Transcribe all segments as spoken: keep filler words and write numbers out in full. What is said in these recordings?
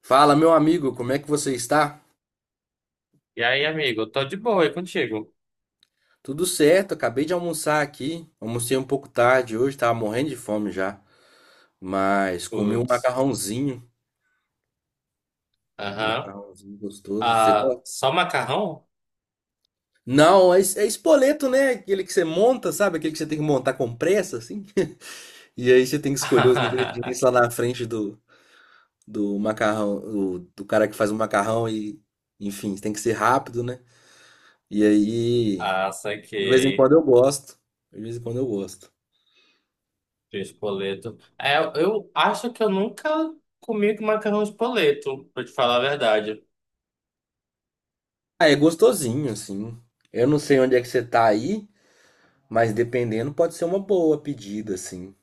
Fala, meu amigo, como é que você está? E aí, amigo, tô de boa aí contigo. Tudo certo, acabei de almoçar aqui. Almocei um pouco tarde hoje, tava morrendo de fome já, mas comi um Putz. macarrãozinho, um Aham. macarrãozinho gostoso. Você Ah, gosta? só macarrão? Não, é, es- é espoleto, né? Aquele que você monta, sabe? Aquele que você tem que montar com pressa, assim. E aí você tem que escolher os ingredientes lá na frente do, do macarrão, do, do cara que faz o macarrão e, enfim, tem que ser rápido, né? E aí, Ah, de vez em quando saquei. eu gosto. De vez em quando eu gosto. De espoleto. É, eu acho que eu nunca comi com macarrão espoleto, pra te falar a verdade. Ah, é gostosinho, assim. Eu não sei onde é que você tá aí, mas dependendo pode ser uma boa pedida, assim,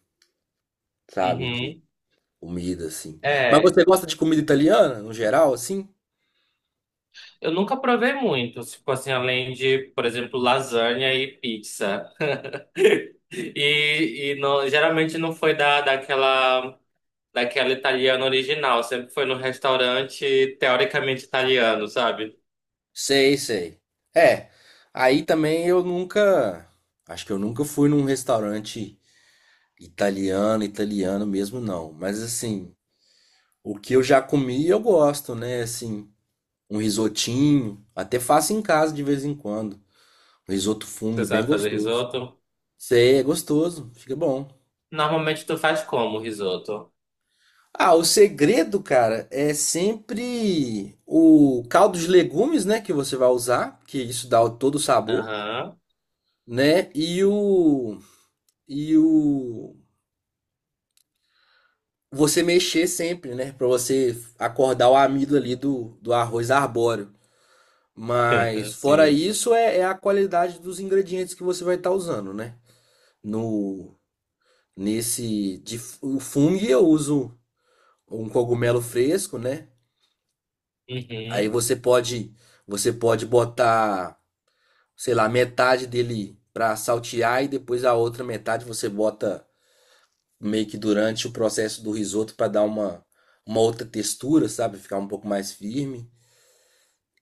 sabe? De Uhum. comida, assim. Mas É, você gosta de comida italiana, no geral, assim? eu nunca provei muito, tipo assim, além de, por exemplo, lasanha e pizza. E, e não- geralmente não foi da, daquela, daquela italiana original, sempre foi no restaurante teoricamente italiano, sabe? Sei, sei. É, aí também eu nunca. Acho que eu nunca fui num restaurante italiano, italiano mesmo, não. Mas assim, o que eu já comi eu gosto, né? Assim, um risotinho. Até faço em casa de vez em quando. Um risoto funghi Você bem sabe fazer gostoso. risoto? Sei, é gostoso, fica bom. Normalmente tu faz como risoto? Ah, o segredo, cara, é sempre o caldo de legumes, né, que você vai usar, que isso dá o- todo o sabor, Aham, né? E o e o você mexer sempre, né, pra você acordar o amido ali do, do arroz arbóreo. Mas fora sim. isso é, é a qualidade dos ingredientes que você vai estar usando, né? No Nesse de f- o fungo eu uso um cogumelo fresco, né? Aí Uhum. você pode, você pode botar, sei lá, metade dele para saltear e depois a outra metade você bota meio que durante o processo do risoto para dar uma, uma outra textura, sabe? Ficar um pouco mais firme.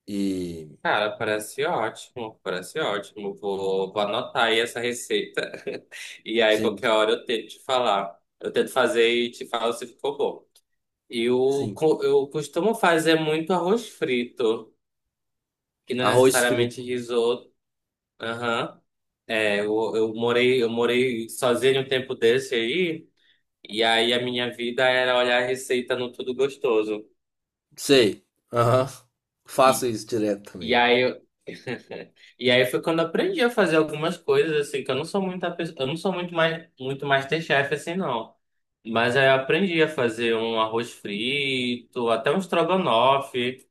E Cara, parece ótimo, parece ótimo. Vou, vou anotar aí essa receita. E aí, sim, qualquer hora eu tento te falar. Eu tento fazer e te falo se ficou bom. Eu, sim. co- eu costumo fazer muito arroz frito, que não é Arroz frito. necessariamente risoto. Aham. É, eu, eu morei, eu morei sozinho um tempo desse aí, e aí a minha vida era olhar a receita no Tudo Gostoso. Sei. Aham. Faço isso direto E também. aí eu... E aí foi quando eu aprendi a fazer algumas coisas assim, que eu não sou muita pessoa, eu não sou muito mais muito MasterChef assim não. Mas aí eu aprendi a fazer um arroz frito, até um estrogonofe,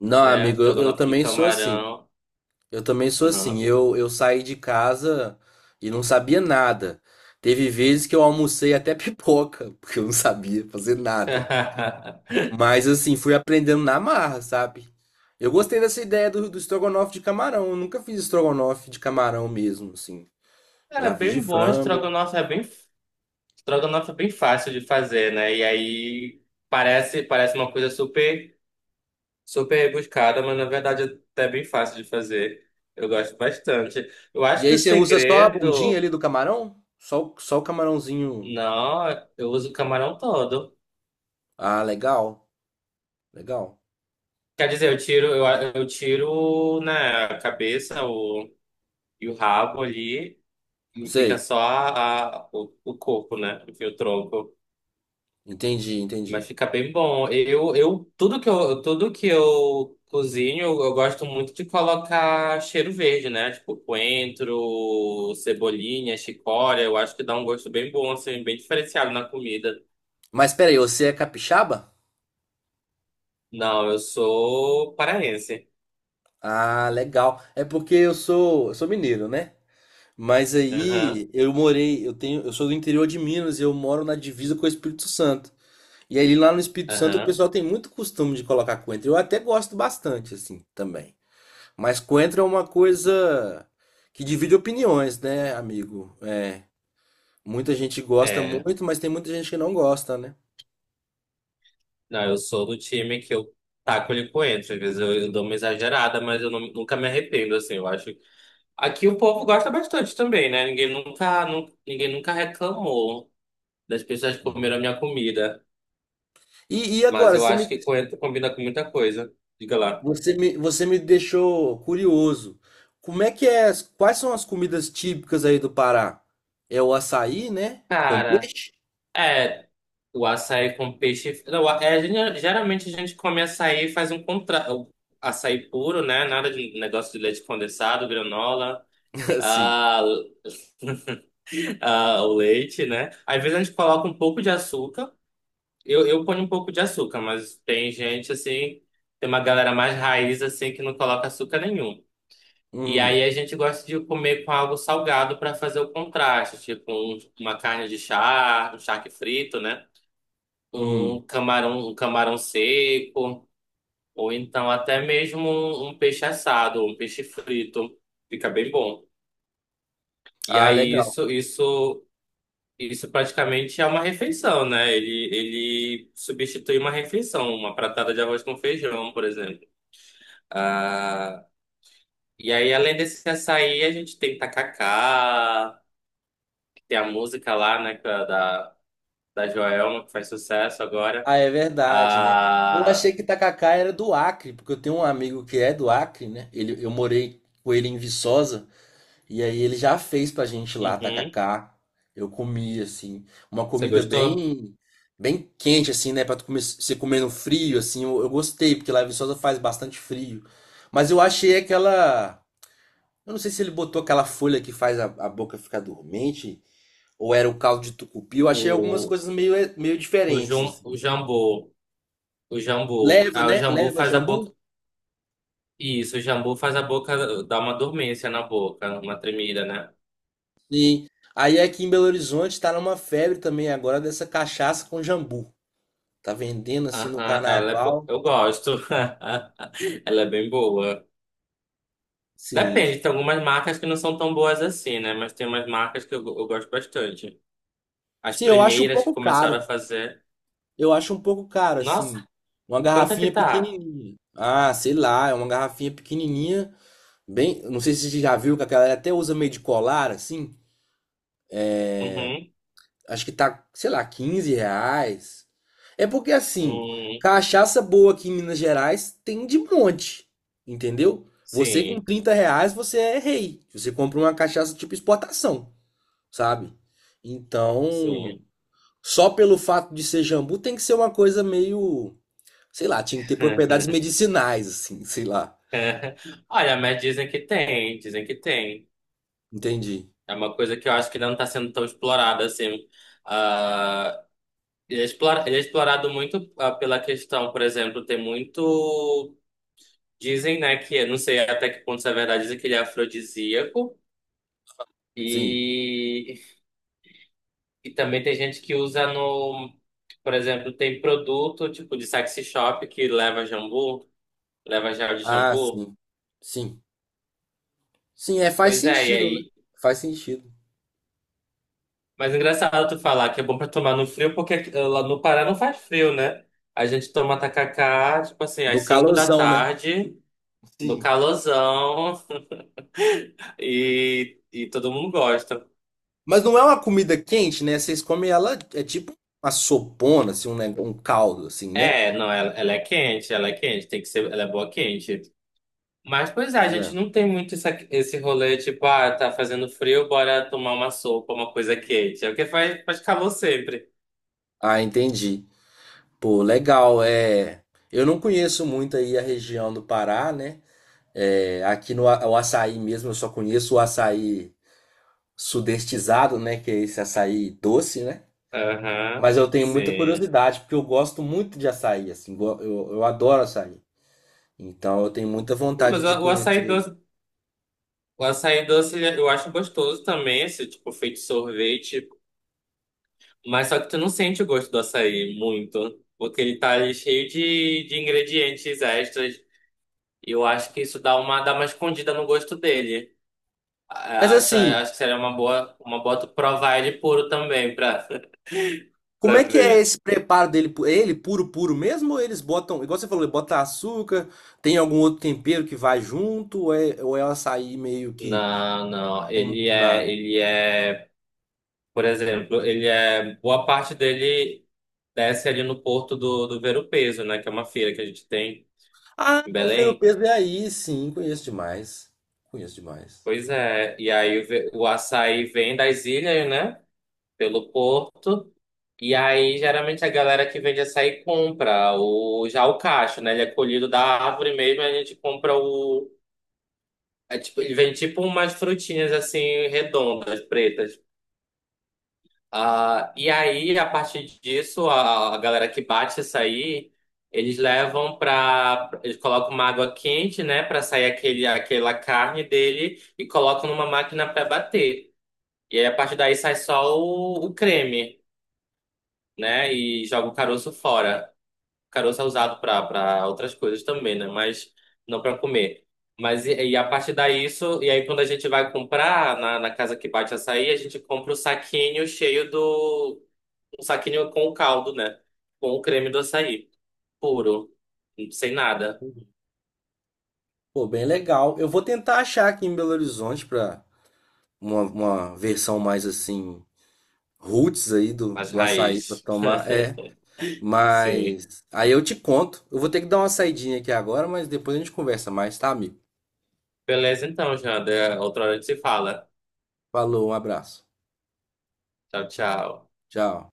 Não, né? Um amigo, eu, eu estrogonofe de também sou assim. camarão. Eu também sou assim. Uhum. Eu, eu saí de casa e não sabia nada. Teve vezes que eu almocei até pipoca, porque eu não sabia fazer nada. Mas assim, fui aprendendo na marra, sabe? Eu gostei dessa ideia do, do estrogonofe de camarão. Eu nunca fiz estrogonofe de camarão mesmo, assim. Cara, Já fiz de bem bom, frango. estrogonofe é bem estrogonofe é bem fácil de fazer, né? E aí parece parece uma coisa super Super rebuscada, mas na verdade é até bem fácil de fazer. Eu gosto bastante. Eu E acho que aí o você usa só a bundinha segredo. ali do camarão? Só, o- só o camarãozinho. Não, eu uso o camarão todo. Ah, legal. Legal. Quer dizer, eu tiro, eu, eu tiro, né, a cabeça o, e o rabo ali e fica Sei. só a, a- o, o corpo, né? Enfim, o tronco. Entendi, Mas entendi. fica bem bom. Eu, eu, tudo que eu, tudo que eu cozinho, eu gosto muito de colocar cheiro verde, né? Tipo coentro, cebolinha, chicória. Eu acho que dá um gosto bem bom, assim, bem diferenciado na comida. Mas peraí, você é capixaba? Não, eu sou paraense. Ah, legal. É porque eu sou, eu sou mineiro, né? Mas Aham, aí eu morei, eu tenho, eu sou do interior de Minas e eu moro na divisa com o Espírito Santo. E aí lá no Espírito Santo o aham. pessoal tem muito costume de colocar coentro. Eu até gosto bastante assim também. Mas coentro é uma coisa que divide opiniões, né, amigo? É, muita gente gosta É. muito, mas tem muita gente que não gosta, né? Não, eu sou do time que eu taco-lhe coentro. Às vezes eu, eu dou uma exagerada, mas eu não- nunca me arrependo, assim. Eu acho. Aqui o povo gosta bastante também, né? Ninguém nunca, nu- ninguém nunca reclamou das pessoas que Sim. comeram a minha comida. E, e Mas agora, eu você acho me que coentro combina com muita coisa. Diga lá. Você me, você me deixou curioso. Como é que é? as- Quais são as comidas típicas aí do Pará? É o açaí, né? Com Cara, peixe? é. O açaí com peixe. Não, é, a gente- geralmente a gente come açaí e faz um contra... O açaí puro, né? Nada de negócio de leite condensado, granola, Assim. ah, ah, o leite, né? Às vezes a gente coloca um pouco de açúcar. Eu, eu ponho um pouco de açúcar, mas tem gente assim, tem uma galera mais raiz assim que não coloca açúcar nenhum. E Uhum, aí a gente gosta de comer com algo salgado para fazer o contraste, tipo um- uma carne de charque, um charque frito, né? uhum. Um camarão, um camarão seco, ou então até mesmo um, um peixe assado, um peixe frito, fica bem bom. E Ah, aí legal. isso, isso, isso praticamente é uma refeição, né? Ele, ele substitui uma refeição, uma pratada de arroz com feijão, por exemplo. Ah, e aí além desse açaí, a gente tem tacacá. Tem a música lá, né, que é da, da Joelma, que faz sucesso agora. Ah, é verdade, né? Eu achei Ah, que tacacá era do Acre, porque eu tenho um amigo que é do Acre, né? Ele, eu morei com ele em Viçosa. E aí ele já fez pra gente lá, uhum. tacacá. Eu comi, assim, uma Você comida gostou? bem bem quente, assim, né? Pra tu comer, você comer no frio, assim. Eu, eu gostei, porque lá em Viçosa faz bastante frio. Mas eu achei aquela... Eu não sei se ele botou aquela folha que faz a, a boca ficar dormente, ou era o caldo de tucupi. Eu achei algumas O, coisas meio, eh, meio o, diferentes, Jum, assim. o Jambu. O Jambu. Leva, Ah, o né? Jambu Leva faz a jambu? boca. Isso, o Jambu faz a boca dar uma dormência na boca, uma tremida, né? Sim. Aí aqui em Belo Horizonte tá numa febre também agora dessa cachaça com jambu. Tá vendendo, assim, no Aham, ela é. bo- carnaval. Eu gosto. Ela é bem boa. Sim. Depende, tem algumas marcas que não são tão boas assim, né? Mas tem umas marcas que eu, eu gosto bastante. As Sim, eu acho um primeiras que pouco começaram a caro. fazer. Eu acho um pouco caro, Nossa, assim. Uma quanto é que garrafinha tá? pequenininha. Ah, sei lá, é uma garrafinha pequenininha. Bem, não sei se você já viu que a galera até usa meio de colar, assim. Uhum, Acho que tá, sei lá, quinze reais. É porque, assim, hum. cachaça boa aqui em Minas Gerais tem de monte, entendeu? Você com Sim, trinta reais, você é rei. Você compra uma cachaça tipo exportação, sabe? Então, sim. só pelo fato de ser jambu tem que ser uma coisa meio, sei lá, tinha que ter propriedades medicinais, assim, sei lá. Olha, mas dizem que tem, dizem que tem. Entendi. É uma coisa que eu acho que ainda não está sendo tão explorada assim. Ah, ele é explora- ele é explorado muito ah, pela questão, por exemplo, tem muito. Dizem, né, que eu não sei até que ponto isso é verdade, dizem que ele é afrodisíaco. Sim. E, e também tem gente que usa no. Por exemplo, tem produto tipo de sexy shop que leva jambu, leva gel de Ah, jambu. sim. Sim. Sim, é, faz Pois é, e sentido, né? aí. Faz sentido. Mas é engraçado tu falar que é bom pra tomar no frio, porque aqui- lá no Pará não faz frio, né? A gente toma tacacá, tipo assim, às No cinco da calorzão, né? tarde, no Sim. calorzão, e, e todo mundo gosta. Mas não é uma comida quente, né? Vocês comem ela, é tipo uma sopona, assim, um, neg- um caldo, assim, né? É, não, ela, ela é quente, ela é quente, tem que ser, ela é boa quente. Mas, pois é, a Pois gente é. não tem muito essa, esse rolê, tipo, ah, tá fazendo frio, bora tomar uma sopa, uma coisa quente. É o que faz, faz calor sempre. Ah, entendi. Pô, legal. É, eu não conheço muito aí a região do Pará, né? É, aqui no a- o açaí mesmo, eu só conheço o açaí sudestizado, né? Que é esse açaí doce, né? Aham, Mas eu tenho muita sim. curiosidade, porque eu gosto muito de açaí, assim, go- eu, eu adoro açaí. Então eu tenho muita Não, vontade mas de o, o conhecer açaí ele. doce. O açaí doce ele- eu acho gostoso também, esse tipo feito sorvete, mas só que tu não sente o gosto do açaí muito, porque ele tá ali cheio de, de ingredientes extras. E eu acho que isso dá uma dá uma escondida no gosto dele. Mas A- Acho, assim, acho que seria uma boa uma boa tu provar ele puro também pra, como é pra que é ver. esse preparo dele? Pu- é Ele puro, puro mesmo? Ou eles botam, igual você falou, bota açúcar, tem algum outro tempero que vai junto? Ou é, ou é o açaí meio que Não, não, tem ele nada? é ele é, por exemplo, ele é boa parte dele desce ali no Porto do do Ver-o-Peso, né, que é uma feira que a gente tem Ah, em o ver o Belém. peso é aí, sim, conheço demais. Conheço demais. Pois é, e aí ve- o açaí vem das ilhas, né? Pelo porto. E aí, geralmente, a galera que vende açaí compra o, já o cacho, né? Ele é colhido da árvore mesmo, a gente compra o. É tipo, ele vem tipo umas frutinhas assim, redondas, pretas. Ah, e aí, a partir disso, a, a galera que bate açaí, eles levam pra. Eles colocam uma água quente, né? Pra sair aquele, aquela carne dele e colocam numa máquina pra bater. E aí, a partir daí sai só o, o creme, né? E joga o caroço fora. O caroço é usado para para outras coisas também, né? Mas não para comer. Mas e, e a partir daí isso, e aí quando a gente vai comprar na, na casa que bate açaí, a gente compra o saquinho cheio do um saquinho com o caldo, né? Com o creme do açaí, puro, sem nada, Pô, bem legal. Eu vou tentar achar aqui em Belo Horizonte pra uma, uma versão mais assim, roots aí do, as do açaí pra raízes. tomar. É, Sim. mas aí eu te conto. Eu vou ter que dar uma saidinha aqui agora, mas depois a gente conversa mais, tá, amigo? Beleza então, Janda. Outra hora a gente se fala. Falou, um abraço. Tchau, tchau. Tchau.